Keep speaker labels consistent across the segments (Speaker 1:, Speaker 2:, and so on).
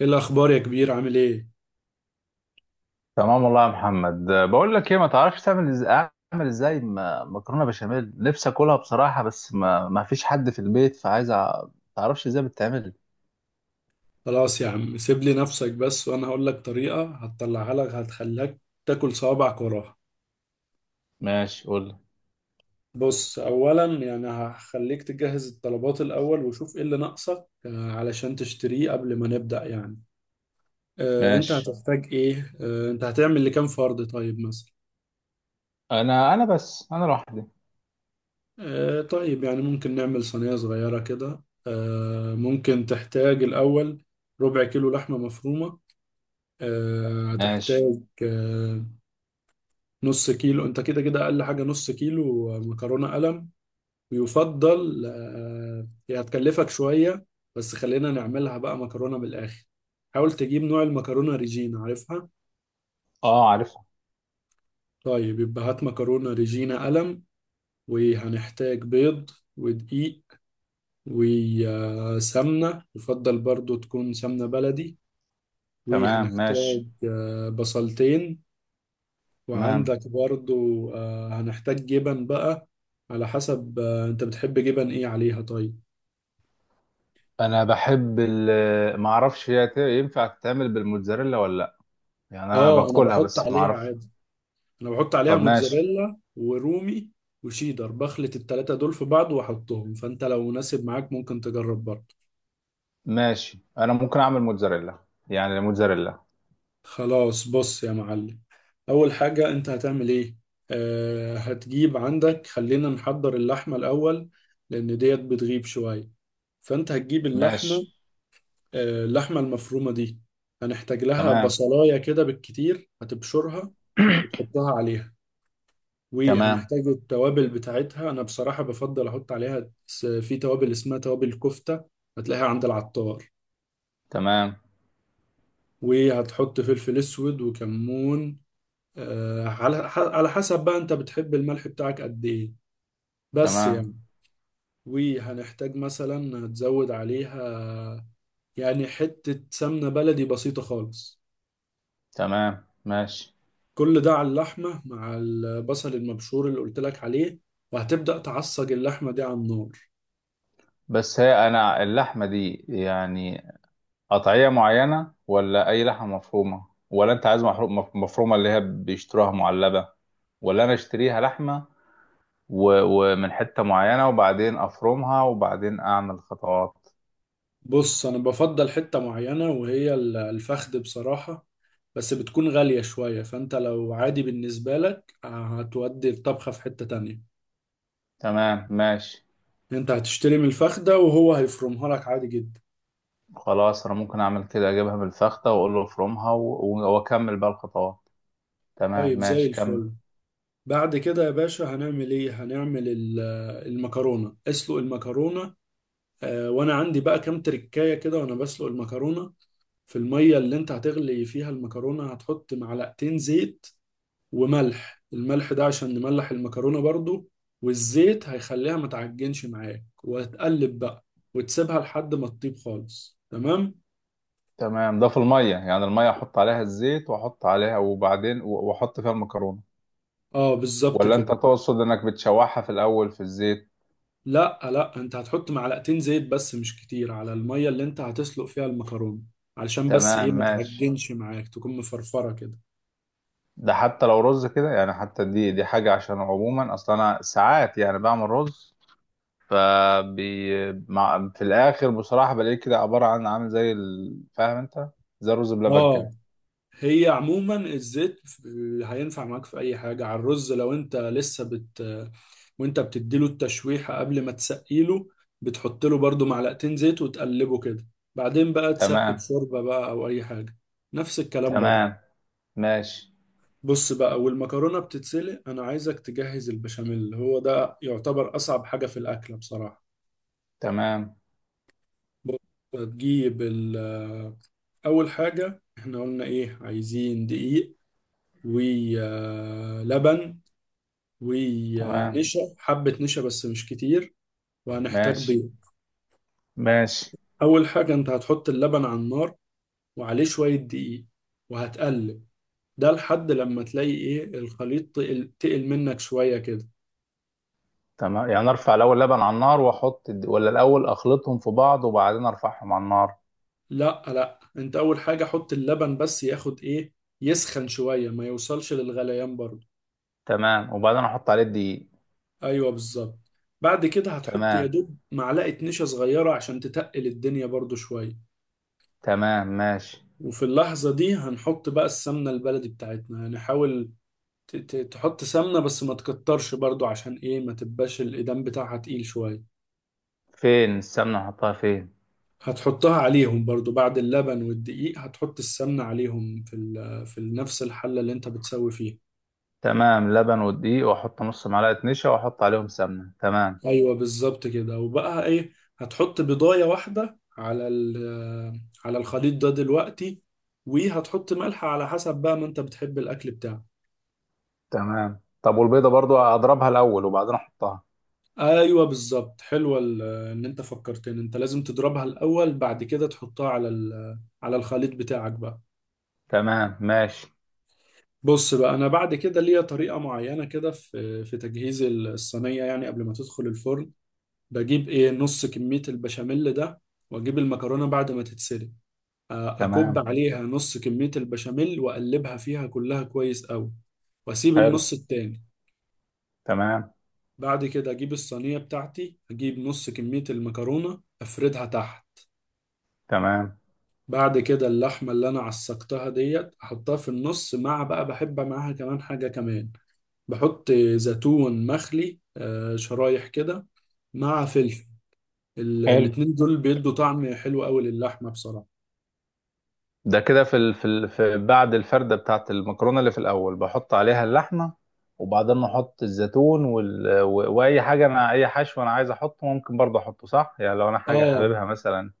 Speaker 1: ايه الاخبار يا كبير، عامل ايه؟
Speaker 2: تمام والله يا محمد. بقول لك ايه، ما تعرفش تعمل ازاي؟ اعمل ازاي مكرونه بشاميل، نفسي اكلها بصراحه، بس ما فيش حد في البيت، فعايز تعرفش ازاي بتتعمل؟
Speaker 1: خلاص يا عم، سيب لي نفسك بس وانا هقول لك طريقة هتطلعها لك، هتخليك تاكل صوابعك وراها.
Speaker 2: ماشي قول لي.
Speaker 1: بص، اولا يعني هخليك تجهز الطلبات الاول وشوف ايه اللي ناقصك، علشان تشتريه قبل ما نبدأ يعني. انت
Speaker 2: ماشي.
Speaker 1: هتحتاج ايه؟ انت هتعمل لكام فرد طيب مثلا؟
Speaker 2: انا بس انا لوحدي.
Speaker 1: طيب يعني ممكن نعمل صينية صغيرة كده. ممكن تحتاج الاول ربع كيلو لحمة مفرومة.
Speaker 2: ماشي.
Speaker 1: هتحتاج نص كيلو، انت كده كده اقل حاجه نص كيلو مكرونه قلم. ويفضل هي هتكلفك شويه، بس خلينا نعملها بقى مكرونه بالاخر. حاول تجيب نوع المكرونه ريجينا، عارفها؟
Speaker 2: اه عارفها.
Speaker 1: طيب يبقى هات مكرونه ريجينا قلم، وهنحتاج بيض، ودقيق، وسمنه، يفضل برضو تكون سمنه بلدي.
Speaker 2: تمام
Speaker 1: وهنحتاج
Speaker 2: ماشي.
Speaker 1: بصلتين،
Speaker 2: تمام.
Speaker 1: وعندك برضو. هنحتاج جبن بقى، على حسب انت بتحب جبن ايه عليها طيب.
Speaker 2: انا بحب ما اعرفش، هي ينفع تتعمل بالموتزاريلا ولا لا؟ يعني انا
Speaker 1: اه، انا
Speaker 2: باكلها
Speaker 1: بحط
Speaker 2: بس ما
Speaker 1: عليها
Speaker 2: اعرفش.
Speaker 1: عادي، انا بحط عليها
Speaker 2: طب ماشي.
Speaker 1: موتزاريلا ورومي وشيدر، بخلط التلاتة دول في بعض واحطهم، فانت لو مناسب معاك ممكن تجرب برضه.
Speaker 2: ماشي، انا ممكن اعمل موتزاريلا. يعني موتزاريلا.
Speaker 1: خلاص، بص يا معلم، اول حاجة انت هتعمل ايه. آه، هتجيب عندك، خلينا نحضر اللحمة الاول لان ديت بتغيب شوية، فانت هتجيب اللحمة.
Speaker 2: ماشي.
Speaker 1: اللحمة المفرومة دي هنحتاج لها
Speaker 2: تمام.
Speaker 1: بصلاية كده بالكتير، هتبشرها وتحطها عليها.
Speaker 2: تمام.
Speaker 1: وهنحتاج التوابل بتاعتها. أنا بصراحة بفضل أحط عليها في توابل اسمها توابل كفتة، هتلاقيها عند العطار.
Speaker 2: تمام.
Speaker 1: وهتحط فلفل أسود وكمون. على حسب بقى، أنت بتحب الملح بتاعك قد إيه؟ بس
Speaker 2: تمام.
Speaker 1: يعني. وهنحتاج مثلا هتزود عليها، يعني حتة سمنة بلدي بسيطة خالص،
Speaker 2: تمام ماشي.
Speaker 1: كل ده على اللحمة مع البصل المبشور اللي قلت لك عليه. وهتبدأ تعصج اللحمة دي على النار.
Speaker 2: بس هي انا اللحمه دي يعني قطعيه معينه، ولا اي لحمه مفرومه، ولا انت عايز مفرومه اللي هي بيشتروها معلبه، ولا انا اشتريها لحمه و- ومن حته معينه وبعدين افرمها وبعدين اعمل خطوات؟
Speaker 1: بص، أنا بفضل حتة معينة وهي الفخد بصراحة، بس بتكون غالية شوية، فأنت لو عادي بالنسبة لك هتودي الطبخة في حتة تانية.
Speaker 2: تمام ماشي.
Speaker 1: أنت هتشتري من الفخدة وهو هيفرمها لك عادي جدا.
Speaker 2: خلاص، انا ممكن اعمل كده، اجيبها من الفخده واقول له افرمها واكمل بقى الخطوات. تمام
Speaker 1: طيب، زي
Speaker 2: ماشي كمل.
Speaker 1: الفل. بعد كده يا باشا هنعمل ايه؟ هنعمل المكرونة. اسلق المكرونة. وانا عندي بقى كام تركاية كده وانا بسلق المكرونة. في المية اللي انت هتغلي فيها المكرونة هتحط معلقتين زيت وملح. الملح ده عشان نملح المكرونة برضو، والزيت هيخليها ما تعجنش معاك، وهتقلب بقى وتسيبها لحد ما تطيب خالص. تمام،
Speaker 2: تمام، ده في المية؟ يعني المية أحط عليها الزيت وأحط عليها وبعدين وأحط فيها المكرونة،
Speaker 1: اه بالظبط
Speaker 2: ولا أنت
Speaker 1: كده.
Speaker 2: تقصد إنك بتشوحها في الأول في الزيت؟
Speaker 1: لا لا، انت هتحط معلقتين زيت بس، مش كتير، على المية اللي انت هتسلق فيها المكرونة، علشان بس
Speaker 2: تمام
Speaker 1: ايه ما
Speaker 2: ماشي.
Speaker 1: تعجنش معاك، تكون مفرفرة كده.
Speaker 2: ده حتى لو رز كده يعني، حتى دي حاجة، عشان عموما أصلا أنا ساعات يعني بعمل رز فبي مع في الآخر بصراحة، بلاقيه كده عبارة عن عامل زي فاهم أنت، زي الرز بلبن
Speaker 1: اه،
Speaker 2: كده.
Speaker 1: هي عموما الزيت هينفع معاك في اي حاجه. على الرز لو انت لسه بت وانت بتديله التشويحه قبل ما تسقيله، بتحط له برضو معلقتين زيت وتقلبه كده، بعدين بقى تسقي
Speaker 2: تمام.
Speaker 1: بشوربه بقى او اي حاجه. نفس الكلام برضو.
Speaker 2: تمام ماشي.
Speaker 1: بص بقى، والمكرونه بتتسلق انا عايزك تجهز البشاميل، هو ده يعتبر اصعب حاجه في الاكله بصراحه.
Speaker 2: تمام.
Speaker 1: بص، هتجيب اول حاجه احنا قلنا ايه؟ عايزين دقيق، ولبن،
Speaker 2: تمام
Speaker 1: ونشا، حبة نشا بس مش كتير. وهنحتاج
Speaker 2: ماشي.
Speaker 1: بيض.
Speaker 2: ماشي.
Speaker 1: أول حاجة أنت هتحط اللبن على النار وعليه شوية دقيق وهتقلب، ده لحد لما تلاقي إيه الخليط تقل منك شوية كده.
Speaker 2: تمام، يعني ارفع الاول لبن على النار واحط ولا الاول اخلطهم في بعض وبعدين ارفعهم على النار؟
Speaker 1: لا لا، أنت أول حاجة حط اللبن بس ياخد إيه، يسخن شوية، ما يوصلش للغليان برضه.
Speaker 2: تمام وبعدين احط عليه الدقيق.
Speaker 1: أيوه، بالظبط. بعد كده هتحط يا
Speaker 2: تمام.
Speaker 1: دوب معلقة نشا صغيرة عشان تتقل الدنيا برضه شوية.
Speaker 2: تمام ماشي.
Speaker 1: وفي اللحظة دي هنحط بقى السمنة البلدي بتاعتنا. هنحاول تحط سمنة بس ما تكترش برضو عشان ايه ما تبقاش الإيدام بتاعها تقيل شوية.
Speaker 2: فين السمنه احطها فين؟
Speaker 1: هتحطها عليهم برضو بعد اللبن والدقيق، هتحط السمنة عليهم في في نفس الحلة اللي انت بتسوي فيها.
Speaker 2: تمام، لبن والدقيق واحط نص معلقه نشا واحط عليهم سمنه. تمام.
Speaker 1: ايوه بالظبط كده. وبقى ايه، هتحط بيضاية واحدة على على الخليط ده دلوقتي، وهتحط ملح على حسب بقى، ما انت بتحب الاكل بتاعك.
Speaker 2: تمام، طب والبيضه برضو اضربها الاول وبعدين احطها؟
Speaker 1: ايوه بالظبط، حلوه ان انت فكرتني، انت لازم تضربها الاول، بعد كده تحطها على على الخليط بتاعك بقى.
Speaker 2: تمام ماشي.
Speaker 1: بص بقى، انا بعد كده ليا طريقه معينه كده في تجهيز الصينيه، يعني قبل ما تدخل الفرن. بجيب ايه نص كميه البشاميل ده، واجيب المكرونه بعد ما تتسلق، اكب
Speaker 2: تمام.
Speaker 1: عليها نص كميه البشاميل واقلبها فيها كلها كويس قوي، واسيب
Speaker 2: حلو.
Speaker 1: النص التاني.
Speaker 2: تمام.
Speaker 1: بعد كده اجيب الصينيه بتاعتي، اجيب نص كميه المكرونه افردها تحت.
Speaker 2: تمام.
Speaker 1: بعد كده اللحمه اللي انا عسقتها ديت احطها في النص، مع بقى بحب معاها كمان حاجه كمان، بحط زيتون مخلي شرايح كده مع فلفل.
Speaker 2: حلو.
Speaker 1: الاتنين دول بيدوا طعم حلو قوي للحمة بصراحة.
Speaker 2: ده كده في بعد الفردة بتاعت المكرونة اللي في الأول بحط عليها اللحمة، وبعدين أحط الزيتون وأي حاجة، أنا أي حشو أنا عايز أحطه ممكن برضه أحطه، صح؟ يعني لو أنا حاجة
Speaker 1: اه،
Speaker 2: حاببها مثلا.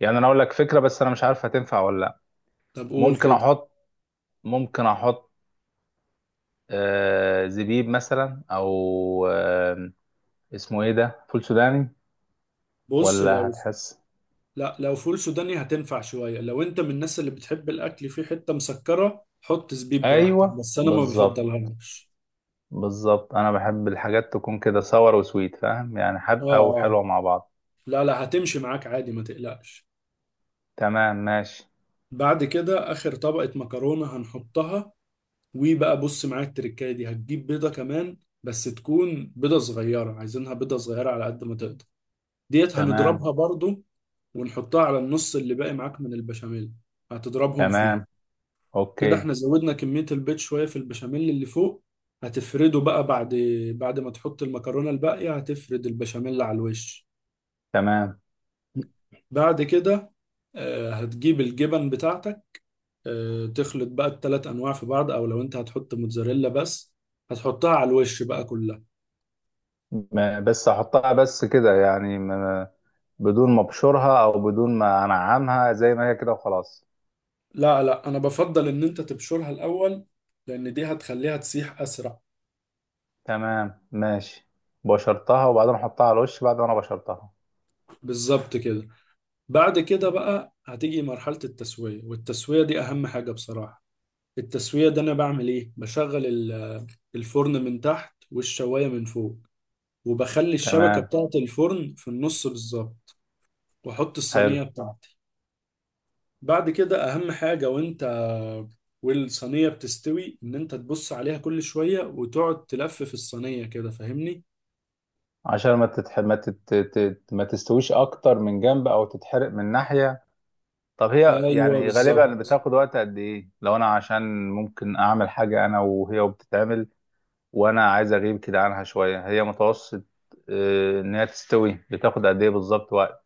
Speaker 2: يعني أنا أقول لك فكرة بس أنا مش عارف هتنفع ولا لأ.
Speaker 1: طب قول
Speaker 2: ممكن
Speaker 1: كده.
Speaker 2: أحط، ممكن أحط زبيب مثلا، أو اسمه إيه ده؟ فول سوداني.
Speaker 1: بص
Speaker 2: ولا
Speaker 1: لو
Speaker 2: هتحس؟
Speaker 1: لا، لو فول سوداني هتنفع شوية، لو انت من الناس اللي بتحب الاكل فيه حتة مسكرة حط زبيب براحتك،
Speaker 2: أيوه
Speaker 1: بس انا ما
Speaker 2: بالظبط.
Speaker 1: بفضلهاش.
Speaker 2: بالظبط أنا بحب الحاجات تكون كده صور وسويت، فاهم؟ يعني
Speaker 1: اه.
Speaker 2: حادقة
Speaker 1: اه،
Speaker 2: وحلوة مع بعض.
Speaker 1: لا لا، هتمشي معاك عادي ما تقلقش.
Speaker 2: تمام ماشي.
Speaker 1: بعد كده اخر طبقة مكرونة هنحطها. وبقى بص معايا، التركايه دي هتجيب بيضه كمان، بس تكون بيضه صغيره، عايزينها بيضه صغيره على قد ما تقدر. ديت
Speaker 2: تمام.
Speaker 1: هنضربها برضو ونحطها على النص اللي باقي معاك من البشاميل، هتضربهم فيه.
Speaker 2: تمام
Speaker 1: كده
Speaker 2: اوكي.
Speaker 1: احنا زودنا كميه البيض شويه في البشاميل اللي فوق. هتفرده بقى، بعد ما تحط المكرونه الباقيه هتفرد البشاميل على الوش.
Speaker 2: تمام
Speaker 1: بعد كده هتجيب الجبن بتاعتك، تخلط بقى التلات انواع في بعض، او لو انت هتحط موتزاريلا بس هتحطها على الوش بقى كلها.
Speaker 2: بس احطها بس كده يعني بدون ما ابشرها، او بدون ما انعمها زي ما هي كده وخلاص؟
Speaker 1: لا لا، انا بفضل ان انت تبشرها الاول، لان دي هتخليها تسيح اسرع.
Speaker 2: تمام ماشي، بشرتها وبعدين احطها على الوش بعد ما انا بشرتها.
Speaker 1: بالظبط كده. بعد كده بقى هتيجي مرحلة التسوية، والتسوية دي اهم حاجة بصراحة. التسوية ده انا بعمل ايه؟ بشغل الفرن من تحت والشواية من فوق، وبخلي الشبكة
Speaker 2: تمام.
Speaker 1: بتاعة الفرن في النص بالظبط، واحط
Speaker 2: حلو.
Speaker 1: الصينية بتاعتي. بعد كده اهم حاجة، وانت والصينية بتستوي ان انت تبص عليها كل شوية وتقعد تلف في الصينية كده، فاهمني؟
Speaker 2: عشان ما تتح... ما تت... تت... ما تستويش اكتر من جنب او تتحرق من ناحية. طب هي
Speaker 1: ايوه
Speaker 2: يعني غالبا
Speaker 1: بالظبط.
Speaker 2: بتاخد وقت قد ايه؟ لو انا عشان ممكن اعمل حاجة انا وهي وبتتعمل، وانا عايز اغيب كده عنها شويه، هي متوسط، ان هي تستوي بتاخد قد ايه بالظبط وقت؟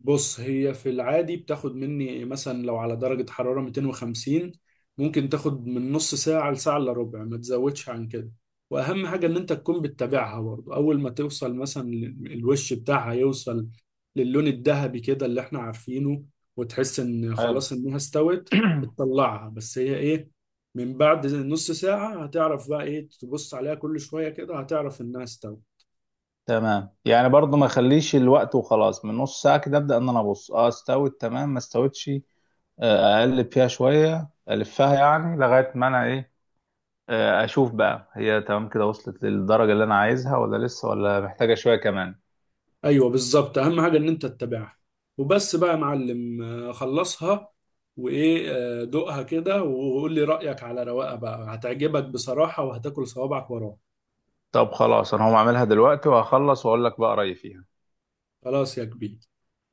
Speaker 1: بص، هي في العادي بتاخد مني مثلا لو على درجة حرارة 250، ممكن تاخد من نص ساعة لساعة الا ربع، ما تزودش عن كده. واهم حاجة ان انت تكون بتتابعها برضه. اول ما توصل مثلا الوش بتاعها يوصل للون الذهبي كده اللي احنا عارفينه وتحس ان
Speaker 2: حلو.
Speaker 1: خلاص انها استوت، بتطلعها. بس هي ايه، من بعد نص ساعة هتعرف بقى ايه، تبص عليها كل شوية كده هتعرف انها استوت.
Speaker 2: تمام، يعني برضو ما اخليش الوقت وخلاص من نص ساعه كده، ابدا ان انا ابص، اه استوت تمام ما استوتش، اقلب فيها شويه الفها يعني لغايه ما انا ايه، اشوف بقى هي تمام كده وصلت للدرجه اللي انا عايزها، ولا لسه، ولا محتاجه شويه كمان.
Speaker 1: ايوه بالظبط، اهم حاجه ان انت تتابعها وبس بقى يا معلم. خلصها وايه، دوقها كده وقول لي رايك على رواقه بقى، هتعجبك بصراحه وهتاكل صوابعك وراها.
Speaker 2: طب خلاص، انا هقوم اعملها دلوقتي وهخلص واقول لك بقى رايي فيها.
Speaker 1: خلاص يا كبير.